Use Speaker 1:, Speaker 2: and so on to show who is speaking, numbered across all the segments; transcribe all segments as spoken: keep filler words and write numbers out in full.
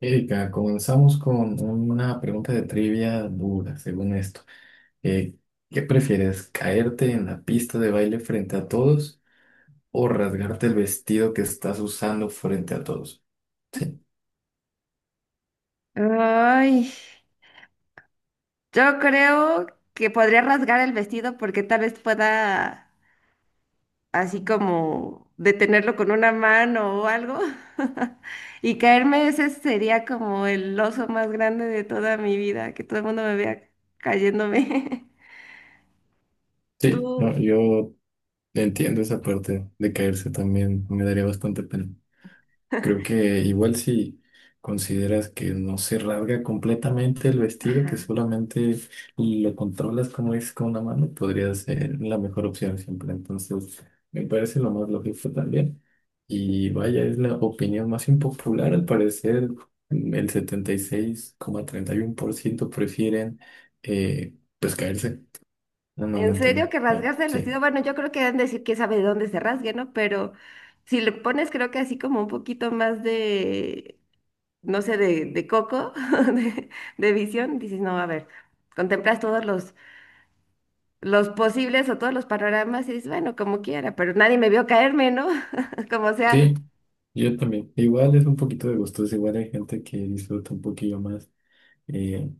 Speaker 1: Erika, comenzamos con una pregunta de trivia dura, según esto. Eh, ¿Qué prefieres, caerte en la pista de baile frente a todos o rasgarte el vestido que estás usando frente a todos? Sí.
Speaker 2: Ay, yo creo que podría rasgar el vestido porque tal vez pueda así como detenerlo con una mano o algo. Y caerme, ese sería como el oso más grande de toda mi vida, que todo el mundo me vea cayéndome.
Speaker 1: Sí, no,
Speaker 2: Tú.
Speaker 1: yo entiendo esa parte de caerse también, me daría bastante pena. Creo que igual si consideras que no se rasga completamente el vestido, que
Speaker 2: Ajá.
Speaker 1: solamente lo controlas como es con una mano, podría ser la mejor opción siempre. Entonces, me parece lo más lógico también. Y vaya, es la opinión más impopular. Al parecer, mm, el setenta y y seis coma treinta y uno por ciento prefieren eh, pues caerse. No, no lo
Speaker 2: ¿En serio
Speaker 1: entiendo.
Speaker 2: que
Speaker 1: Ah,
Speaker 2: rasgarse el vestido?
Speaker 1: sí,
Speaker 2: Bueno, yo creo que deben decir que sabe de dónde se rasgue, ¿no? Pero si le pones, creo que así como un poquito más de no sé, de, de coco, de, de visión, dices, no, a ver, contemplas todos los, los posibles o todos los panoramas y dices, bueno, como quiera, pero nadie me vio caerme, ¿no? Como sea,
Speaker 1: sí, yo también. Igual es un poquito de gustos. Igual hay gente que disfruta un poquillo más eh,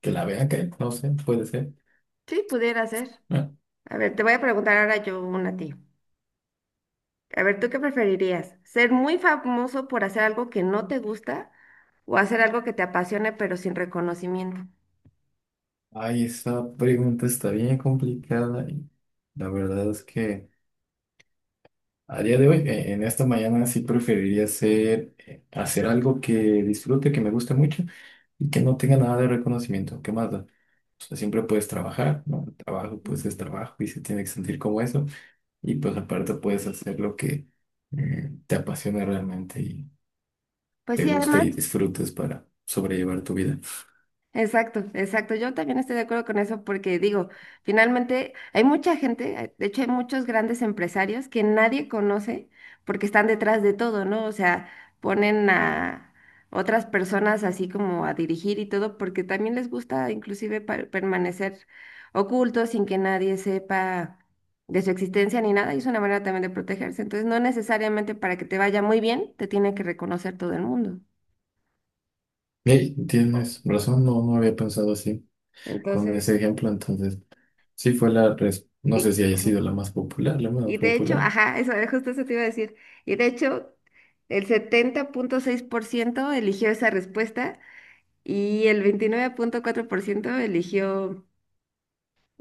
Speaker 1: que la vea que, no sé, puede ser.
Speaker 2: sí, pudiera ser.
Speaker 1: ¿No?
Speaker 2: A ver, te voy a preguntar ahora yo una a ti. A ver, ¿tú qué preferirías? ¿Ser muy famoso por hacer algo que no te gusta o hacer algo que te apasione pero sin reconocimiento?
Speaker 1: Ay, esa pregunta está bien complicada y la verdad es que a día de hoy, eh, en esta mañana sí preferiría hacer, eh, hacer algo que disfrute, que me guste mucho y que no tenga nada de reconocimiento. ¿Qué más da? O sea, siempre puedes trabajar, ¿no? El trabajo
Speaker 2: Ujú.
Speaker 1: pues es trabajo y se tiene que sentir como eso. Y pues aparte puedes hacer lo que eh, te apasiona realmente y
Speaker 2: Pues
Speaker 1: te
Speaker 2: sí,
Speaker 1: guste
Speaker 2: además.
Speaker 1: y disfrutes para sobrellevar tu vida.
Speaker 2: Exacto, exacto. Yo también estoy de acuerdo con eso porque digo, finalmente hay mucha gente, hay- de hecho hay muchos grandes empresarios que nadie conoce porque están detrás de todo, ¿no? O sea, ponen a otras personas así como a dirigir y todo porque también les gusta inclusive pa- permanecer ocultos sin que nadie sepa de su existencia ni nada y es una manera también de protegerse. Entonces, no necesariamente para que te vaya muy bien, te tiene que reconocer todo el mundo.
Speaker 1: Hey, tienes razón, no, no había pensado así con ese
Speaker 2: Entonces,
Speaker 1: ejemplo, entonces sí fue la, res- no
Speaker 2: y...
Speaker 1: sé si haya
Speaker 2: ajá.
Speaker 1: sido la más popular, la más
Speaker 2: Y de hecho,
Speaker 1: popular.
Speaker 2: ajá, eso eh, justo eso te iba a decir. Y de hecho, el setenta punto seis por ciento eligió esa respuesta y el veintinueve punto cuatro por ciento eligió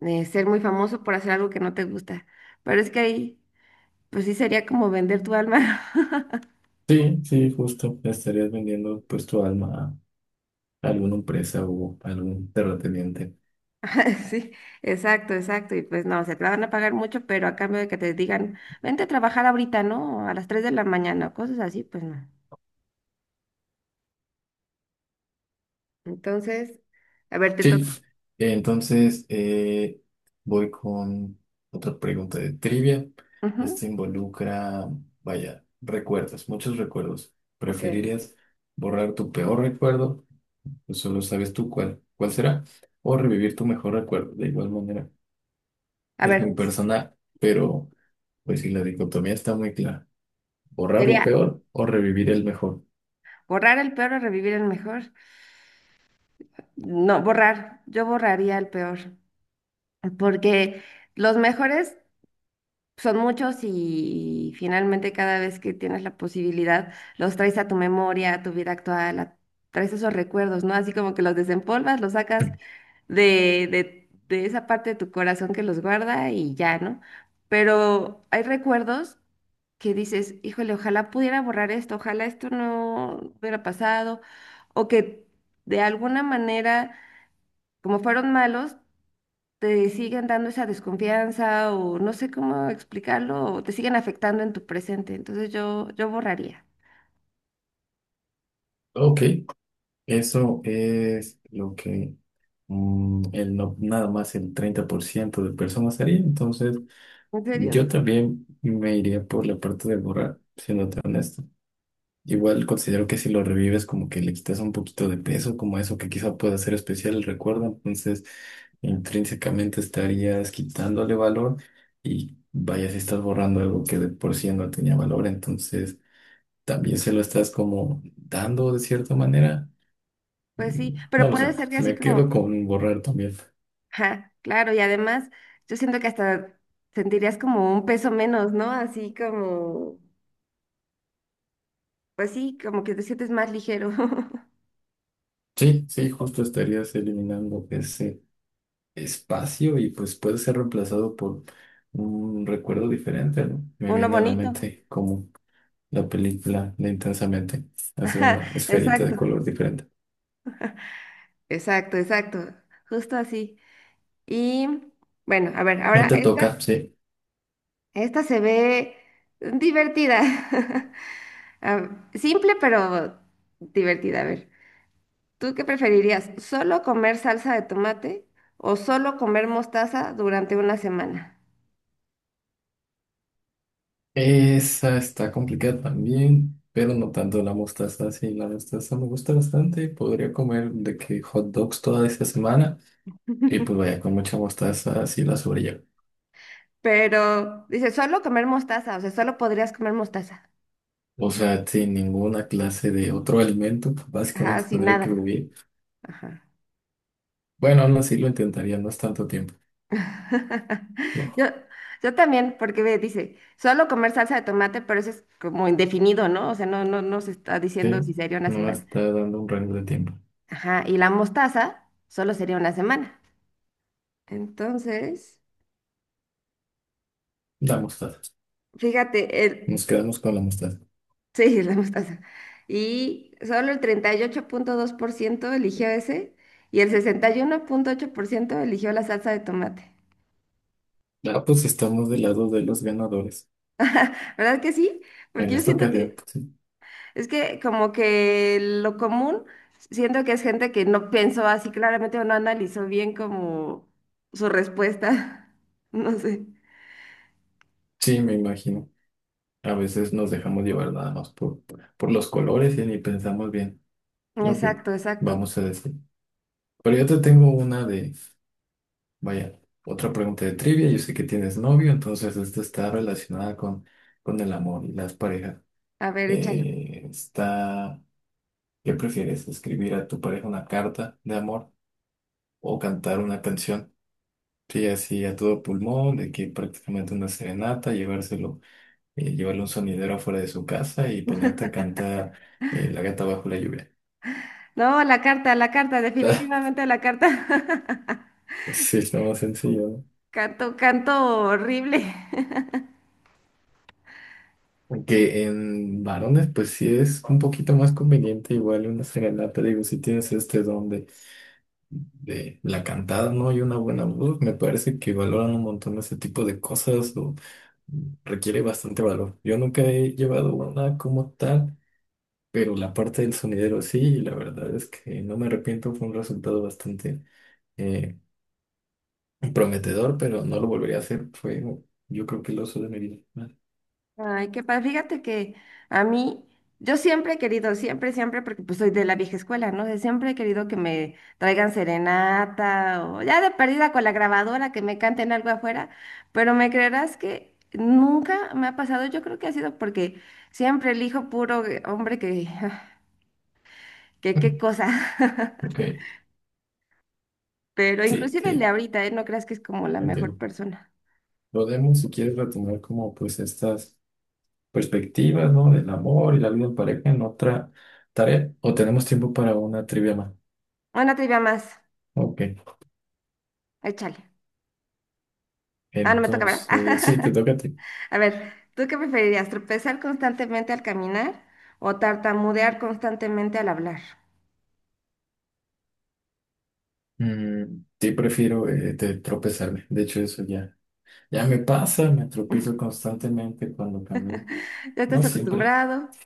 Speaker 2: eh, ser muy famoso por hacer algo que no te gusta. Pero es que ahí, pues sí sería como vender tu alma.
Speaker 1: Sí, sí, justo, estarías vendiendo pues tu alma a alguna empresa o a algún terrateniente.
Speaker 2: Ajá, sí, exacto, exacto. Y pues no, se te la van a pagar mucho, pero a cambio de que te digan, vente a trabajar ahorita, ¿no? A las tres de la mañana, o cosas así, pues no. Entonces, a ver, te
Speaker 1: Sí,
Speaker 2: toca.
Speaker 1: entonces eh, voy con otra pregunta de trivia.
Speaker 2: Ujú.
Speaker 1: Este involucra, vaya, recuerdos, muchos recuerdos.
Speaker 2: Ok.
Speaker 1: ¿Preferirías borrar tu peor recuerdo? Pues, solo sabes tú cuál, cuál será. O revivir tu mejor recuerdo. De igual manera,
Speaker 2: A
Speaker 1: es
Speaker 2: ver,
Speaker 1: muy personal, pero pues si la dicotomía está muy clara. Borrar lo
Speaker 2: sería
Speaker 1: peor o revivir el mejor.
Speaker 2: borrar el peor o revivir el mejor. No, borrar. Yo borraría el peor. Porque los mejores son muchos y finalmente cada vez que tienes la posibilidad, los traes a tu memoria, a tu vida actual, a- traes esos recuerdos, ¿no? Así como que los desempolvas, los sacas de, de, de esa parte de tu corazón que los guarda y ya, ¿no? Pero hay recuerdos que dices, híjole, ojalá pudiera borrar esto, ojalá esto no hubiera pasado, o que de alguna manera, como fueron malos, te siguen dando esa desconfianza o no sé cómo explicarlo, o te siguen afectando en tu presente. Entonces yo, yo borraría.
Speaker 1: Ok, eso es lo que mm, el no- nada más el treinta por ciento de personas haría. Entonces,
Speaker 2: ¿En serio?
Speaker 1: yo también me iría por la parte de borrar, siéndote honesto. Igual considero que si lo revives, como que le quitas un poquito de peso, como eso que quizá pueda ser especial el recuerdo, entonces
Speaker 2: No.
Speaker 1: intrínsecamente estarías quitándole valor y vaya si estás borrando algo que de por sí no tenía valor, entonces también se lo estás como dando de cierta manera.
Speaker 2: Pues sí,
Speaker 1: Mm,
Speaker 2: pero
Speaker 1: No lo
Speaker 2: puede
Speaker 1: sé,
Speaker 2: ser que así
Speaker 1: me quedo
Speaker 2: como
Speaker 1: con borrar también.
Speaker 2: ajá, claro, y además yo siento que hasta sentirías como un peso menos, ¿no? Así como, pues sí, como que te sientes más ligero.
Speaker 1: Sí, sí, justo estarías eliminando ese espacio y pues puede ser reemplazado por un recuerdo diferente, ¿no? Me
Speaker 2: Uno
Speaker 1: viene a la
Speaker 2: bonito.
Speaker 1: mente como la película de Intensamente, así
Speaker 2: Ajá,
Speaker 1: una esferita de
Speaker 2: exacto,
Speaker 1: color diferente.
Speaker 2: exacto, exacto. Justo así. Y bueno, a ver,
Speaker 1: Eh,
Speaker 2: ahora
Speaker 1: Te
Speaker 2: esta,
Speaker 1: toca, sí.
Speaker 2: esta se ve divertida. Ah, simple, pero divertida. A ver, ¿tú qué preferirías? ¿Solo comer salsa de tomate o solo comer mostaza durante una semana?
Speaker 1: Esa está complicada también, pero no tanto la mostaza. Sí, la mostaza me gusta bastante. Podría comer de que hot dogs toda esta semana y pues vaya con mucha mostaza así la sobrellevo.
Speaker 2: Pero dice, solo comer mostaza, o sea, solo podrías comer mostaza.
Speaker 1: O sea, sin ninguna clase de otro alimento, pues,
Speaker 2: Ajá,
Speaker 1: básicamente
Speaker 2: sin
Speaker 1: tendría que
Speaker 2: nada.
Speaker 1: huir.
Speaker 2: Ajá.
Speaker 1: Bueno, aún así lo intentaría, no es tanto tiempo. Sí,
Speaker 2: Yo, yo también, porque ve, dice, solo comer salsa de tomate, pero eso es como indefinido, ¿no? O sea, no, no, no se está diciendo
Speaker 1: sí,
Speaker 2: si sería una
Speaker 1: no
Speaker 2: semana.
Speaker 1: está dando un rango de tiempo.
Speaker 2: Ajá, y la mostaza solo sería una semana. Entonces,
Speaker 1: La mostaza.
Speaker 2: fíjate, el,
Speaker 1: Nos quedamos con la mostaza.
Speaker 2: sí, la mostaza. Y solo el treinta y ocho punto dos por ciento eligió ese y el sesenta y uno punto ocho por ciento eligió la salsa de tomate.
Speaker 1: Ah, pues estamos del lado de los ganadores.
Speaker 2: ¿Verdad que sí? Porque
Speaker 1: En
Speaker 2: yo
Speaker 1: esta
Speaker 2: siento
Speaker 1: ocasión,
Speaker 2: que
Speaker 1: sí,
Speaker 2: es que como que lo común, siento que es gente que no pensó así claramente o no analizó bien como su respuesta. No sé.
Speaker 1: sí, me imagino. A veces nos dejamos llevar nada más por, por los colores y ni pensamos bien lo que
Speaker 2: Exacto, exacto.
Speaker 1: vamos a decir. Pero yo te tengo una de, vaya, otra pregunta de trivia. Yo sé que tienes novio, entonces esta está relacionada con, con el amor y las parejas.
Speaker 2: A ver, échalo.
Speaker 1: Eh, está, ¿qué prefieres? ¿Escribir a tu pareja una carta de amor o cantar una canción? Sí, así a todo pulmón, de que prácticamente una serenata, llevárselo, eh, llevarle un sonidero afuera de su casa y ponerte a cantar eh, La gata bajo la lluvia.
Speaker 2: No, la carta, la carta, definitivamente la carta.
Speaker 1: Sí, está más sencillo. ¿No?
Speaker 2: Canto, canto horrible.
Speaker 1: Aunque en varones, pues sí es un poquito más conveniente, igual una serenata, digo, si tienes este don de, de la cantada, ¿no? Y una buena voz, me parece que valoran un montón ese tipo de cosas o requiere bastante valor. Yo nunca he llevado una como tal. Pero la parte del sonidero sí, la verdad es que no me arrepiento, fue un resultado bastante eh, prometedor, pero no lo volvería a hacer, fue yo creo que el oso de mi vida.
Speaker 2: Ay, qué padre. Fíjate que a mí, yo siempre he querido, siempre, siempre, porque pues soy de la vieja escuela, ¿no? De siempre he querido que me traigan serenata o ya de perdida con la grabadora, que me canten algo afuera, pero me creerás que nunca me ha pasado. Yo creo que ha sido porque siempre elijo puro eh, hombre que, que qué
Speaker 1: Mm,
Speaker 2: cosa.
Speaker 1: Ok,
Speaker 2: Pero
Speaker 1: sí,
Speaker 2: inclusive el de
Speaker 1: sí,
Speaker 2: ahorita, ¿eh? No creas que es como la mejor
Speaker 1: entiendo.
Speaker 2: persona.
Speaker 1: Podemos, si quieres, retomar como pues estas perspectivas, ¿no? Del amor y la vida en pareja en otra tarea, o tenemos tiempo para una trivia más.
Speaker 2: Una trivia más.
Speaker 1: Ok,
Speaker 2: Échale. Ah, no me toca, ¿verdad?
Speaker 1: entonces, sí, te toca a ti.
Speaker 2: A ver, ¿tú qué preferirías? ¿Tropezar constantemente al caminar o tartamudear constantemente al hablar?
Speaker 1: Mm, sí, prefiero eh, te- tropezarme, de hecho eso ya. Ya me pasa, me tropiezo constantemente cuando camino.
Speaker 2: Ya
Speaker 1: No
Speaker 2: estás
Speaker 1: siempre,
Speaker 2: acostumbrado.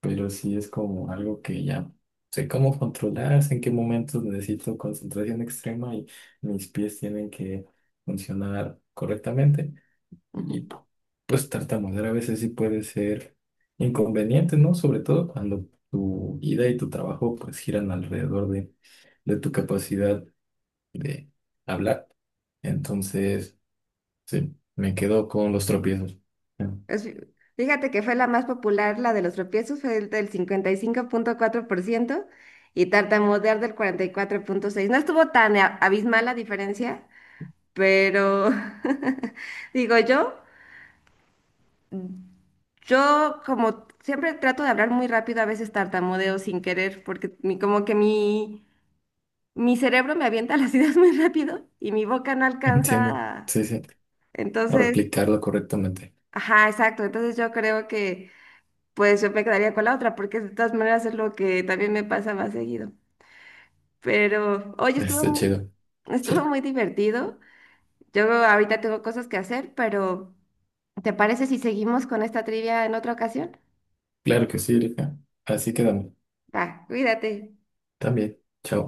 Speaker 1: pero sí es como algo que ya sé cómo controlar, sé en qué momentos necesito concentración extrema y mis pies tienen que funcionar correctamente.
Speaker 2: Ujú.
Speaker 1: Y pues tartamudear a veces sí puede ser inconveniente, ¿no? Sobre todo cuando tu vida y tu trabajo pues giran alrededor de, de tu capacidad de hablar. Entonces... Sí, me quedo con los tropiezos. Ya,
Speaker 2: Es- Fíjate que fue la más popular, la de los tropiezos, fue el del cincuenta y cinco punto cuatro por ciento y cinco punto cuatro por ciento y tartamudear del cuarenta y cuatro punto seis por ciento. No estuvo tan a- abismal la diferencia, pero digo yo, yo como siempre trato de hablar muy rápido, a veces tartamudeo sin querer, porque mi, como que mi... mi cerebro me avienta las ideas muy rápido y mi boca no
Speaker 1: entiendo.
Speaker 2: alcanza. a-
Speaker 1: Sí, sí. A
Speaker 2: Entonces,
Speaker 1: replicarlo correctamente.
Speaker 2: ajá, exacto. Entonces yo creo que pues yo me quedaría con la otra porque de todas maneras es lo que también me pasa más seguido. Pero, oye, estuvo,
Speaker 1: Está
Speaker 2: mu-
Speaker 1: chido.
Speaker 2: estuvo
Speaker 1: Sí,
Speaker 2: muy divertido. Yo ahorita tengo cosas que hacer, pero ¿te parece si seguimos con esta trivia en otra ocasión?
Speaker 1: claro que sí, Erika. Así quedamos.
Speaker 2: Va, cuídate.
Speaker 1: También. Chao.